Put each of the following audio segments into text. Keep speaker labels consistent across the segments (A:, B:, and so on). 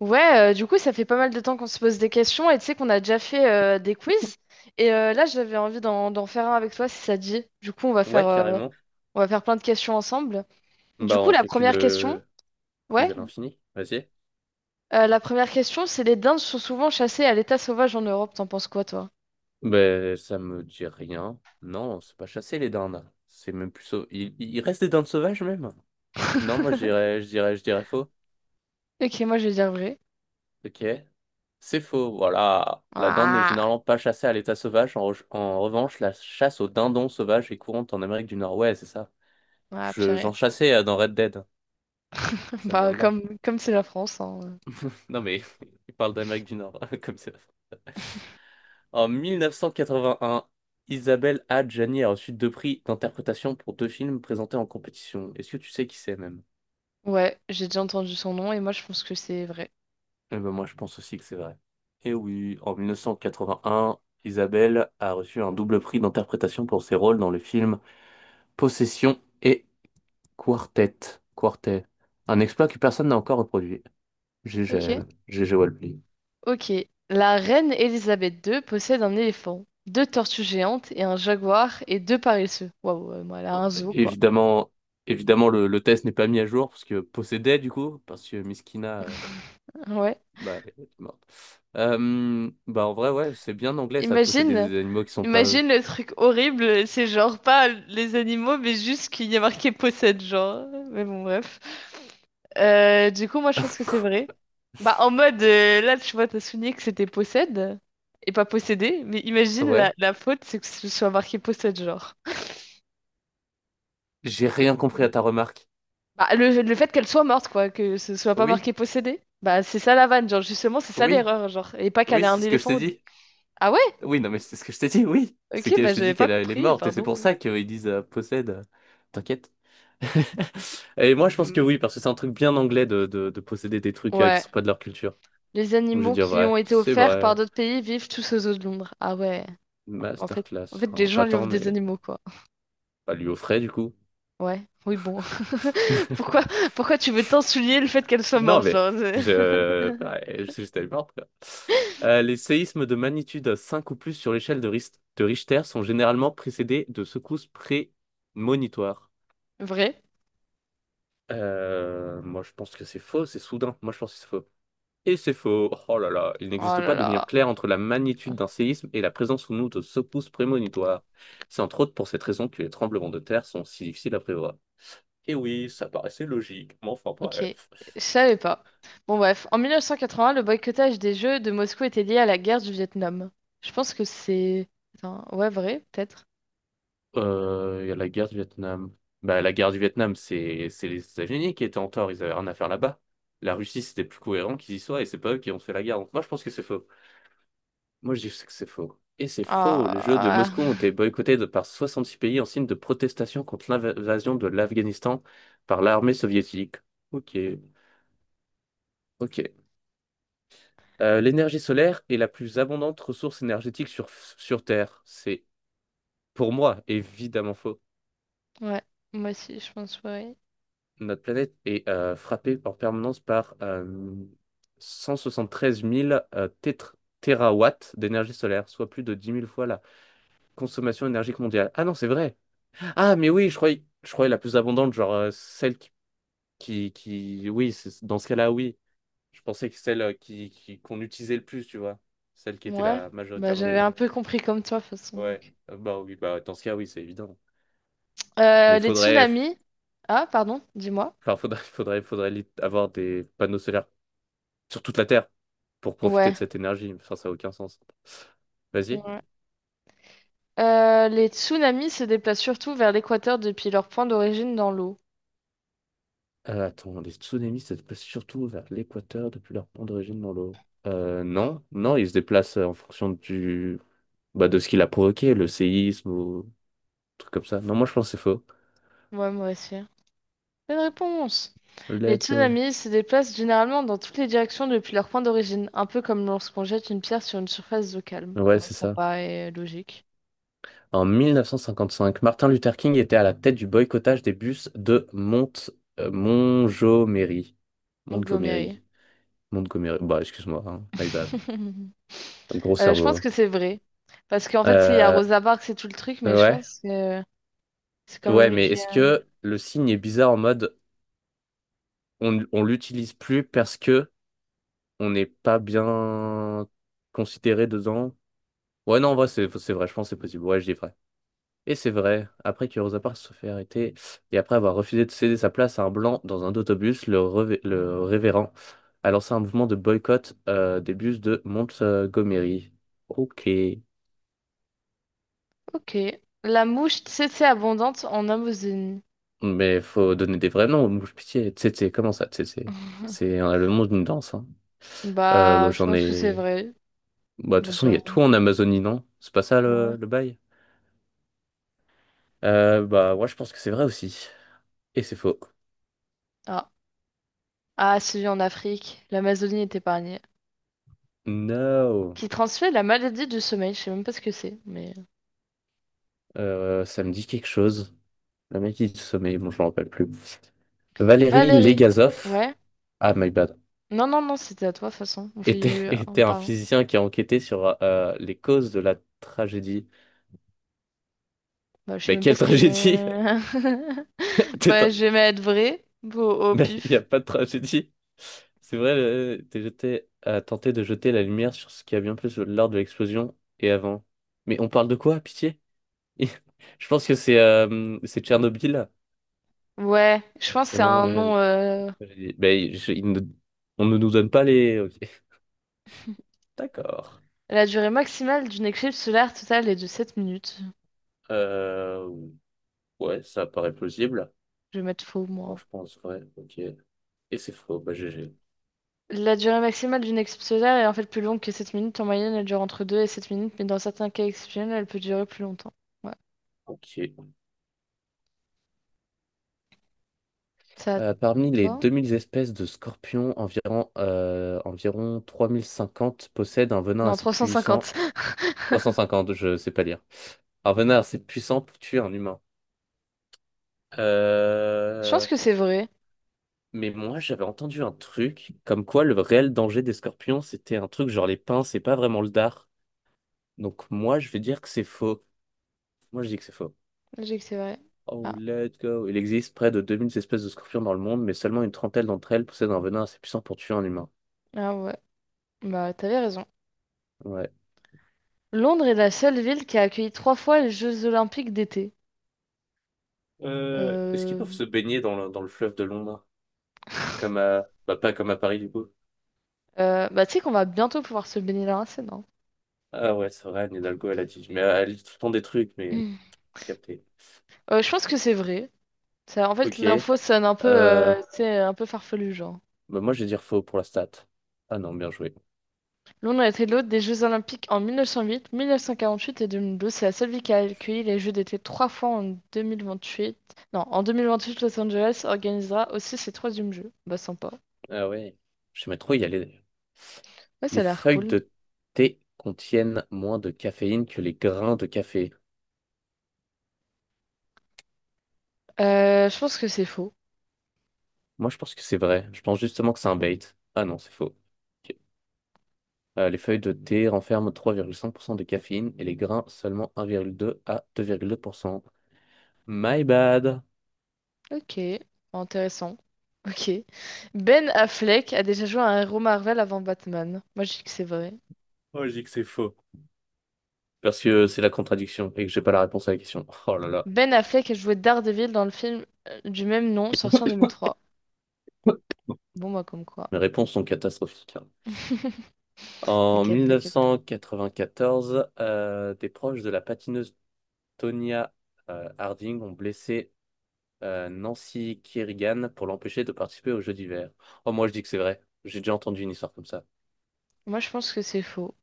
A: Ouais, du coup, ça fait pas mal de temps qu'on se pose des questions et tu sais qu'on a déjà fait des quiz. Et là, j'avais envie d'en faire un avec toi si ça te dit. Du coup,
B: Ouais, carrément.
A: on va faire plein de questions ensemble. Du
B: Bah,
A: coup,
B: on
A: la
B: fait que
A: première question,
B: le quiz
A: ouais,
B: à l'infini. Vas-y.
A: la première question, c'est les dindes sont souvent chassées à l'état sauvage en Europe. T'en penses quoi, toi?
B: Bah, ça me dit rien. Non, c'est pas chasser les dindes. C'est même plus. Il reste des dindes sauvages, même. Non, moi, je dirais, je dirais, je dirais faux.
A: Ok, moi, je vais dire vrai.
B: Ok. C'est faux. Voilà. La dinde n'est
A: Ah,
B: généralement pas chassée à l'état sauvage. En revanche, la chasse aux dindons sauvages est courante en Amérique du Nord. Ouais, c'est ça.
A: ah
B: Je,
A: purée.
B: j'en chassais dans Red Dead. Ça vient
A: Bah,
B: de là.
A: comme c'est la France, hein.
B: Non, mais il parle d'Amérique du Nord, comme ça. En 1981, Isabelle Adjani a reçu deux prix d'interprétation pour deux films présentés en compétition. Est-ce que tu sais qui c'est même?
A: Ouais, j'ai déjà entendu son nom et moi, je pense que c'est vrai.
B: Eh ben, moi je pense aussi que c'est vrai. Et oui, en 1981, Isabelle a reçu un double prix d'interprétation pour ses rôles dans le film Possession et Quartet. Quartet. Un exploit que personne n'a encore reproduit. GG à
A: Ok.
B: elle. GG Walply.
A: Ok. La reine Elisabeth II possède un éléphant, deux tortues géantes et un jaguar et deux paresseux. Waouh, moi, elle a un zoo, quoi.
B: Évidemment, évidemment le test n'est pas mis à jour parce que possédait, du coup, parce que Miskina
A: Ouais.
B: bah, elle est morte. Bah, en vrai, ouais, c'est bien anglais, ça, de posséder
A: Imagine,
B: des animaux qui sont pas eux.
A: imagine le truc horrible, c'est genre pas les animaux, mais juste qu'il y a marqué possède, genre. Mais bon, bref. Du coup, moi, je pense que c'est
B: Quoi?
A: vrai. Bah, en mode, là, tu vois, t'as souligné que c'était possède et pas possédé, mais imagine la,
B: Ouais,
A: la faute, c'est que ce soit marqué possède, genre.
B: j'ai rien compris à ta remarque.
A: Bah, le fait qu'elle soit morte, quoi, que ce soit pas
B: Oui,
A: marqué possédé, bah c'est ça la vanne, genre justement, c'est ça
B: oui,
A: l'erreur, genre. Et pas qu'elle
B: oui,
A: ait
B: c'est
A: un
B: ce que je
A: éléphant,
B: t'ai
A: ou deux.
B: dit.
A: Ah ouais?
B: Oui, non, mais c'est ce que je t'ai dit, oui. C'est
A: Ok,
B: que
A: bah
B: je t'ai
A: j'avais
B: dit
A: pas
B: qu'elle elle est
A: compris,
B: morte, et c'est pour
A: pardon.
B: ça qu'ils disent possède. T'inquiète. Et moi, je pense que
A: Mm.
B: oui, parce que c'est un truc bien anglais de posséder des trucs qui
A: Ouais.
B: sont pas de leur culture.
A: Les
B: Donc, je vais
A: animaux
B: dire
A: qui lui
B: vrai,
A: ont été
B: c'est
A: offerts par
B: vrai.
A: d'autres pays vivent tous aux eaux de l'ombre. Ah ouais. En fait,
B: Masterclass,
A: en fait, les
B: enfin,
A: gens
B: pas
A: lui
B: tant,
A: offrent des
B: mais
A: animaux, quoi.
B: pas lui offrait, du coup.
A: Ouais. Oui, bon. Pourquoi, pourquoi tu veux tant souligner le fait qu'elle soit
B: Non,
A: morte,
B: mais
A: genre? C'est-
B: bah, je suis juste allé voir, quoi. Les séismes de magnitude 5 ou plus sur l'échelle de Richter sont généralement précédés de secousses prémonitoires.
A: Vrai?
B: Moi, je pense que c'est faux, c'est soudain. Moi, je pense que c'est faux. Et c'est faux. Oh là là, il
A: Oh
B: n'existe
A: là
B: pas de lien
A: là.
B: clair entre la magnitude d'un séisme et la présence ou non de secousses prémonitoires. C'est entre autres pour cette raison que les tremblements de terre sont si difficiles à prévoir. Et oui, ça paraissait logique, mais enfin
A: Ok,
B: bref.
A: je savais pas. Bon bref, en 1980, le boycottage des Jeux de Moscou était lié à la guerre du Vietnam. Je pense que c'est... Attends, ouais, vrai, peut-être.
B: Il y a la guerre du Vietnam. Bah, la guerre du Vietnam, c'est les États-Unis qui étaient en tort, ils avaient rien à faire là-bas. La Russie, c'était plus cohérent qu'ils y soient et c'est pas eux qui ont fait la guerre. Donc, moi, je pense que c'est faux. Moi, je dis que c'est faux. Et c'est faux. Les Jeux de
A: Ah,
B: Moscou ont été boycottés de par 66 pays en signe de protestation contre l'invasion de l'Afghanistan par l'armée soviétique. Ok, ok. L'énergie solaire est la plus abondante ressource énergétique sur Terre. C'est pour moi évidemment faux.
A: ouais, moi aussi, je pense vrai.
B: Notre planète est frappée en permanence par 173 000 térawatts d'énergie solaire, soit plus de 10 000 fois la consommation énergique mondiale. Ah non, c'est vrai. Ah, mais oui, je croyais la plus abondante, genre celle qui, oui, dans ce cas-là, oui. Je pensais que celle qu'on utilisait le plus, tu vois. Celle qui était
A: Ouais,
B: la
A: bah
B: majoritairement
A: j'avais un
B: présente.
A: peu compris comme toi, de toute façon,
B: Ouais,
A: donc.
B: Bah oui, bah dans ce cas, oui, c'est évident. Mais il
A: Les
B: faudrait...
A: tsunamis... Ah, pardon, dis-moi.
B: Enfin, faudrait, avoir des panneaux solaires sur toute la Terre pour profiter
A: Ouais.
B: de cette énergie. Enfin, ça n'a aucun sens. Vas-y.
A: Ouais. Les tsunamis se déplacent surtout vers l'équateur depuis leur point d'origine dans l'eau.
B: Attends, les tsunamis se déplacent surtout vers l'équateur depuis leur point d'origine dans l'eau. Non, non, ils se déplacent en fonction du... bah, de ce qu'il a provoqué, le séisme ou truc comme ça. Non, moi je pense que c'est faux.
A: Ouais, moi aussi. Bonne réponse. Les
B: Let's go.
A: tsunamis se déplacent généralement dans toutes les directions depuis leur point d'origine, un peu comme lorsqu'on jette une pierre sur une surface d'eau calme.
B: Ouais,
A: Ouais,
B: c'est
A: ça
B: ça.
A: paraît logique.
B: En 1955, Martin Luther King était à la tête du boycottage des bus de Montgomery.
A: Montgomery.
B: Montgomery. Montgomery. Bah, excuse-moi, hein. My bad. Gros
A: Je pense
B: cerveau.
A: que c'est vrai. Parce qu'en fait, il y a
B: Euh,
A: Rosa Parks et tout le truc, mais je
B: Ouais,
A: pense que c'est quand même
B: ouais,
A: lui
B: mais
A: qui
B: est-ce
A: a...
B: que le signe est bizarre en mode on l'utilise plus parce que on n'est pas bien considéré dedans? Ouais, non, en vrai, c'est vrai, je pense que c'est possible. Ouais, je dis vrai. Et c'est vrai, après que Rosa Parks se fait arrêter et après avoir refusé de céder sa place à un blanc dans un autobus, le révérend a lancé un mouvement de boycott des bus de Montgomery. Ok.
A: Ok. La mouche tsetse abondante en Amazonie.
B: Mais faut donner des vrais noms aux mouches, pitié. Tsetse, comment ça, tsetse? C'est le nom d'une danse, hein. Bah,
A: Bah, je
B: j'en
A: pense que c'est
B: ai.
A: vrai.
B: Bah, de toute
A: Mode
B: façon, il y a
A: genre.
B: tout en Amazonie, non? C'est pas ça
A: Ouais.
B: le bail? Bah, ouais, je pense que c'est vrai aussi. Et c'est faux.
A: Ah. Ah, celui en Afrique. L'Amazonie est épargnée.
B: No!
A: Qui transmet la maladie du sommeil. Je sais même pas ce que c'est, mais...
B: Ça me dit quelque chose. La mec qui sommeille, bon, je m'en rappelle plus. Valérie
A: Valérie.
B: Legazov.
A: Ouais.
B: Ah, my bad.
A: Non, non, non, c'était à toi, de toute façon. On fait
B: Était,
A: eu un
B: était un
A: par un.
B: physicien qui a enquêté sur les causes de la tragédie.
A: Bah, je sais
B: Mais
A: même pas
B: quelle
A: ce que...
B: tragédie?
A: j'ai. Bah, je vais mettre vrai au
B: Mais il n'y a
A: pif.
B: pas de tragédie. C'est vrai, t'es jeté à tenter de jeter la lumière sur ce qui a bien plus lors de l'explosion et avant. Mais on parle de quoi, pitié? Je pense que c'est Tchernobyl, là.
A: Ouais, je pense que
B: C'est
A: c'est
B: vraiment
A: un
B: vrai
A: nom...
B: avec
A: euh,
B: la tragédie. Ben, je- il ne- on ne nous donne pas les. Ok. D'accord.
A: La durée maximale d'une éclipse solaire totale est de 7 minutes.
B: Euh, ouais, ça paraît plausible.
A: Je vais mettre faux,
B: Moi,
A: moi.
B: je pense, ouais. Ok. Et c'est faux. Bah, GG.
A: La durée maximale d'une éclipse solaire est en fait plus longue que 7 minutes. En moyenne, elle dure entre 2 et 7 minutes, mais dans certains cas exceptionnels, elle peut durer plus longtemps. Ouais.
B: Ok.
A: Ça,
B: Parmi les
A: toi?
B: 2000 espèces de scorpions, environ 3050 possèdent un venin
A: Non,
B: assez puissant.
A: 350.
B: 350, je sais pas lire. Un venin assez puissant pour tuer un humain.
A: Je pense
B: Euh,
A: que c'est vrai.
B: Mais moi, j'avais entendu un truc comme quoi le réel danger des scorpions, c'était un truc genre les pinces, c'est pas vraiment le dard. Donc moi, je vais dire que c'est faux. Moi, je dis que c'est faux.
A: Je dis que c'est vrai.
B: Oh,
A: Ah,
B: let's go. Il existe près de 2000 espèces de scorpions dans le monde, mais seulement une trentaine d'entre elles possèdent un venin assez puissant pour tuer un humain.
A: ah ouais. Bah, t'avais raison.
B: Ouais.
A: Londres est la seule ville qui a accueilli trois fois les Jeux Olympiques d'été.
B: Est-ce qu'ils
A: Euh...
B: peuvent se baigner dans le fleuve de Londres? Bah, pas comme à Paris, du coup.
A: bah, tu sais qu'on va bientôt pouvoir se baigner là, hein, c'est non?
B: Ah ouais, c'est vrai, Anne Hidalgo, elle a dit. Mais elle dit tout le temps des trucs, mais
A: Mm.
B: capté.
A: Je pense que c'est vrai. Ça, en fait,
B: Ok.
A: l'info sonne un peu,
B: Euh,
A: tu sais, un peu farfelu, genre.
B: Bah, moi, je vais dire faux pour la stat. Ah non, bien joué.
A: Londres a été l'hôte des Jeux Olympiques en 1908, 1948 et 2012. C'est la seule ville qui a accueilli les Jeux d'été trois fois en 2028. Non, en 2028, Los Angeles organisera aussi ses troisièmes Jeux. Bah, sympa.
B: Ah ouais. Je sais pas trop, il y a les,
A: Ouais, ça
B: les
A: a l'air
B: feuilles
A: cool.
B: de thé contiennent moins de caféine que les grains de café.
A: Je pense que c'est faux.
B: Moi, je pense que c'est vrai. Je pense justement que c'est un bait. Ah non, c'est faux. Ok. Les feuilles de thé renferment 3,5% de caféine et les grains seulement 1,2 à 2,2%. My bad.
A: Ok, intéressant. Ok. Ben Affleck a déjà joué à un héros Marvel avant Batman. Moi, je dis que c'est vrai.
B: Oh, je dis que c'est faux. Parce que c'est la contradiction et que j'ai pas la réponse à la question. Oh là là.
A: Ben Affleck a joué Daredevil dans le film du même nom sorti en 2003. Bon, moi, comme quoi.
B: Mes réponses sont catastrophiques, hein. En
A: T'inquiète, t'inquiète.
B: 1994, des proches de la patineuse Tonya Harding ont blessé Nancy Kerrigan pour l'empêcher de participer aux Jeux d'hiver. Oh, moi je dis que c'est vrai. J'ai déjà entendu une histoire comme ça.
A: Moi, je pense que c'est faux.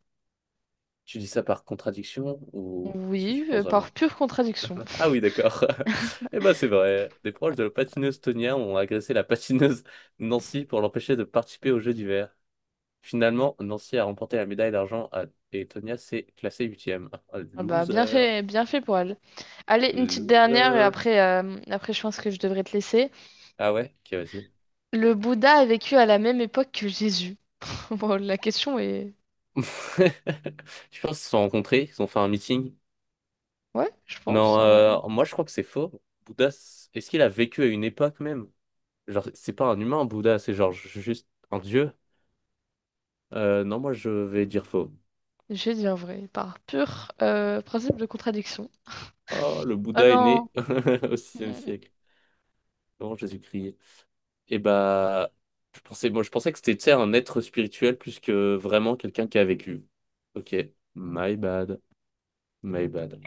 B: Tu dis ça par contradiction ou est-ce que tu
A: Oui,
B: le penses
A: par
B: vraiment?
A: pure contradiction.
B: Ah oui, d'accord. Eh ben, c'est vrai. Des proches de la patineuse Tonia ont agressé la patineuse Nancy pour l'empêcher de participer aux Jeux d'hiver. Finalement, Nancy a remporté la médaille d'argent et Tonia s'est classée huitième. Ah,
A: Ah, bah,
B: loser.
A: bien fait pour elle. Allez, une petite dernière et
B: Loser.
A: après, je pense que je devrais te laisser.
B: Ah ouais? Ok, vas-y.
A: Le Bouddha a vécu à la même époque que Jésus. Bon, la question est...
B: Je pense qu'ils se sont rencontrés, ils ont fait un meeting.
A: Ouais, je pense,
B: Non,
A: hein.
B: moi je crois que c'est faux. Bouddha, est-ce qu'il a vécu à une époque même? Genre, c'est pas un humain, Bouddha, c'est genre juste un dieu. Non, moi je vais dire faux.
A: Je dis un vrai, par pur principe de contradiction.
B: Oh, le
A: Ah
B: Bouddha est
A: non!
B: né au sixième siècle, avant Jésus-Christ. Et bah, je pensais que c'était, tu sais, un être spirituel plus que vraiment quelqu'un qui a vécu. Ok, my bad, my bad.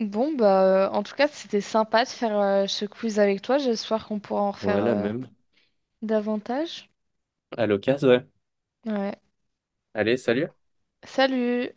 A: Mhm. Bon, bah, en tout cas, c'était sympa de faire ce quiz avec toi. J'espère qu'on pourra en
B: On
A: refaire
B: a la même.
A: davantage.
B: À l'occasion, ouais.
A: Ouais.
B: Allez, salut.
A: Salut!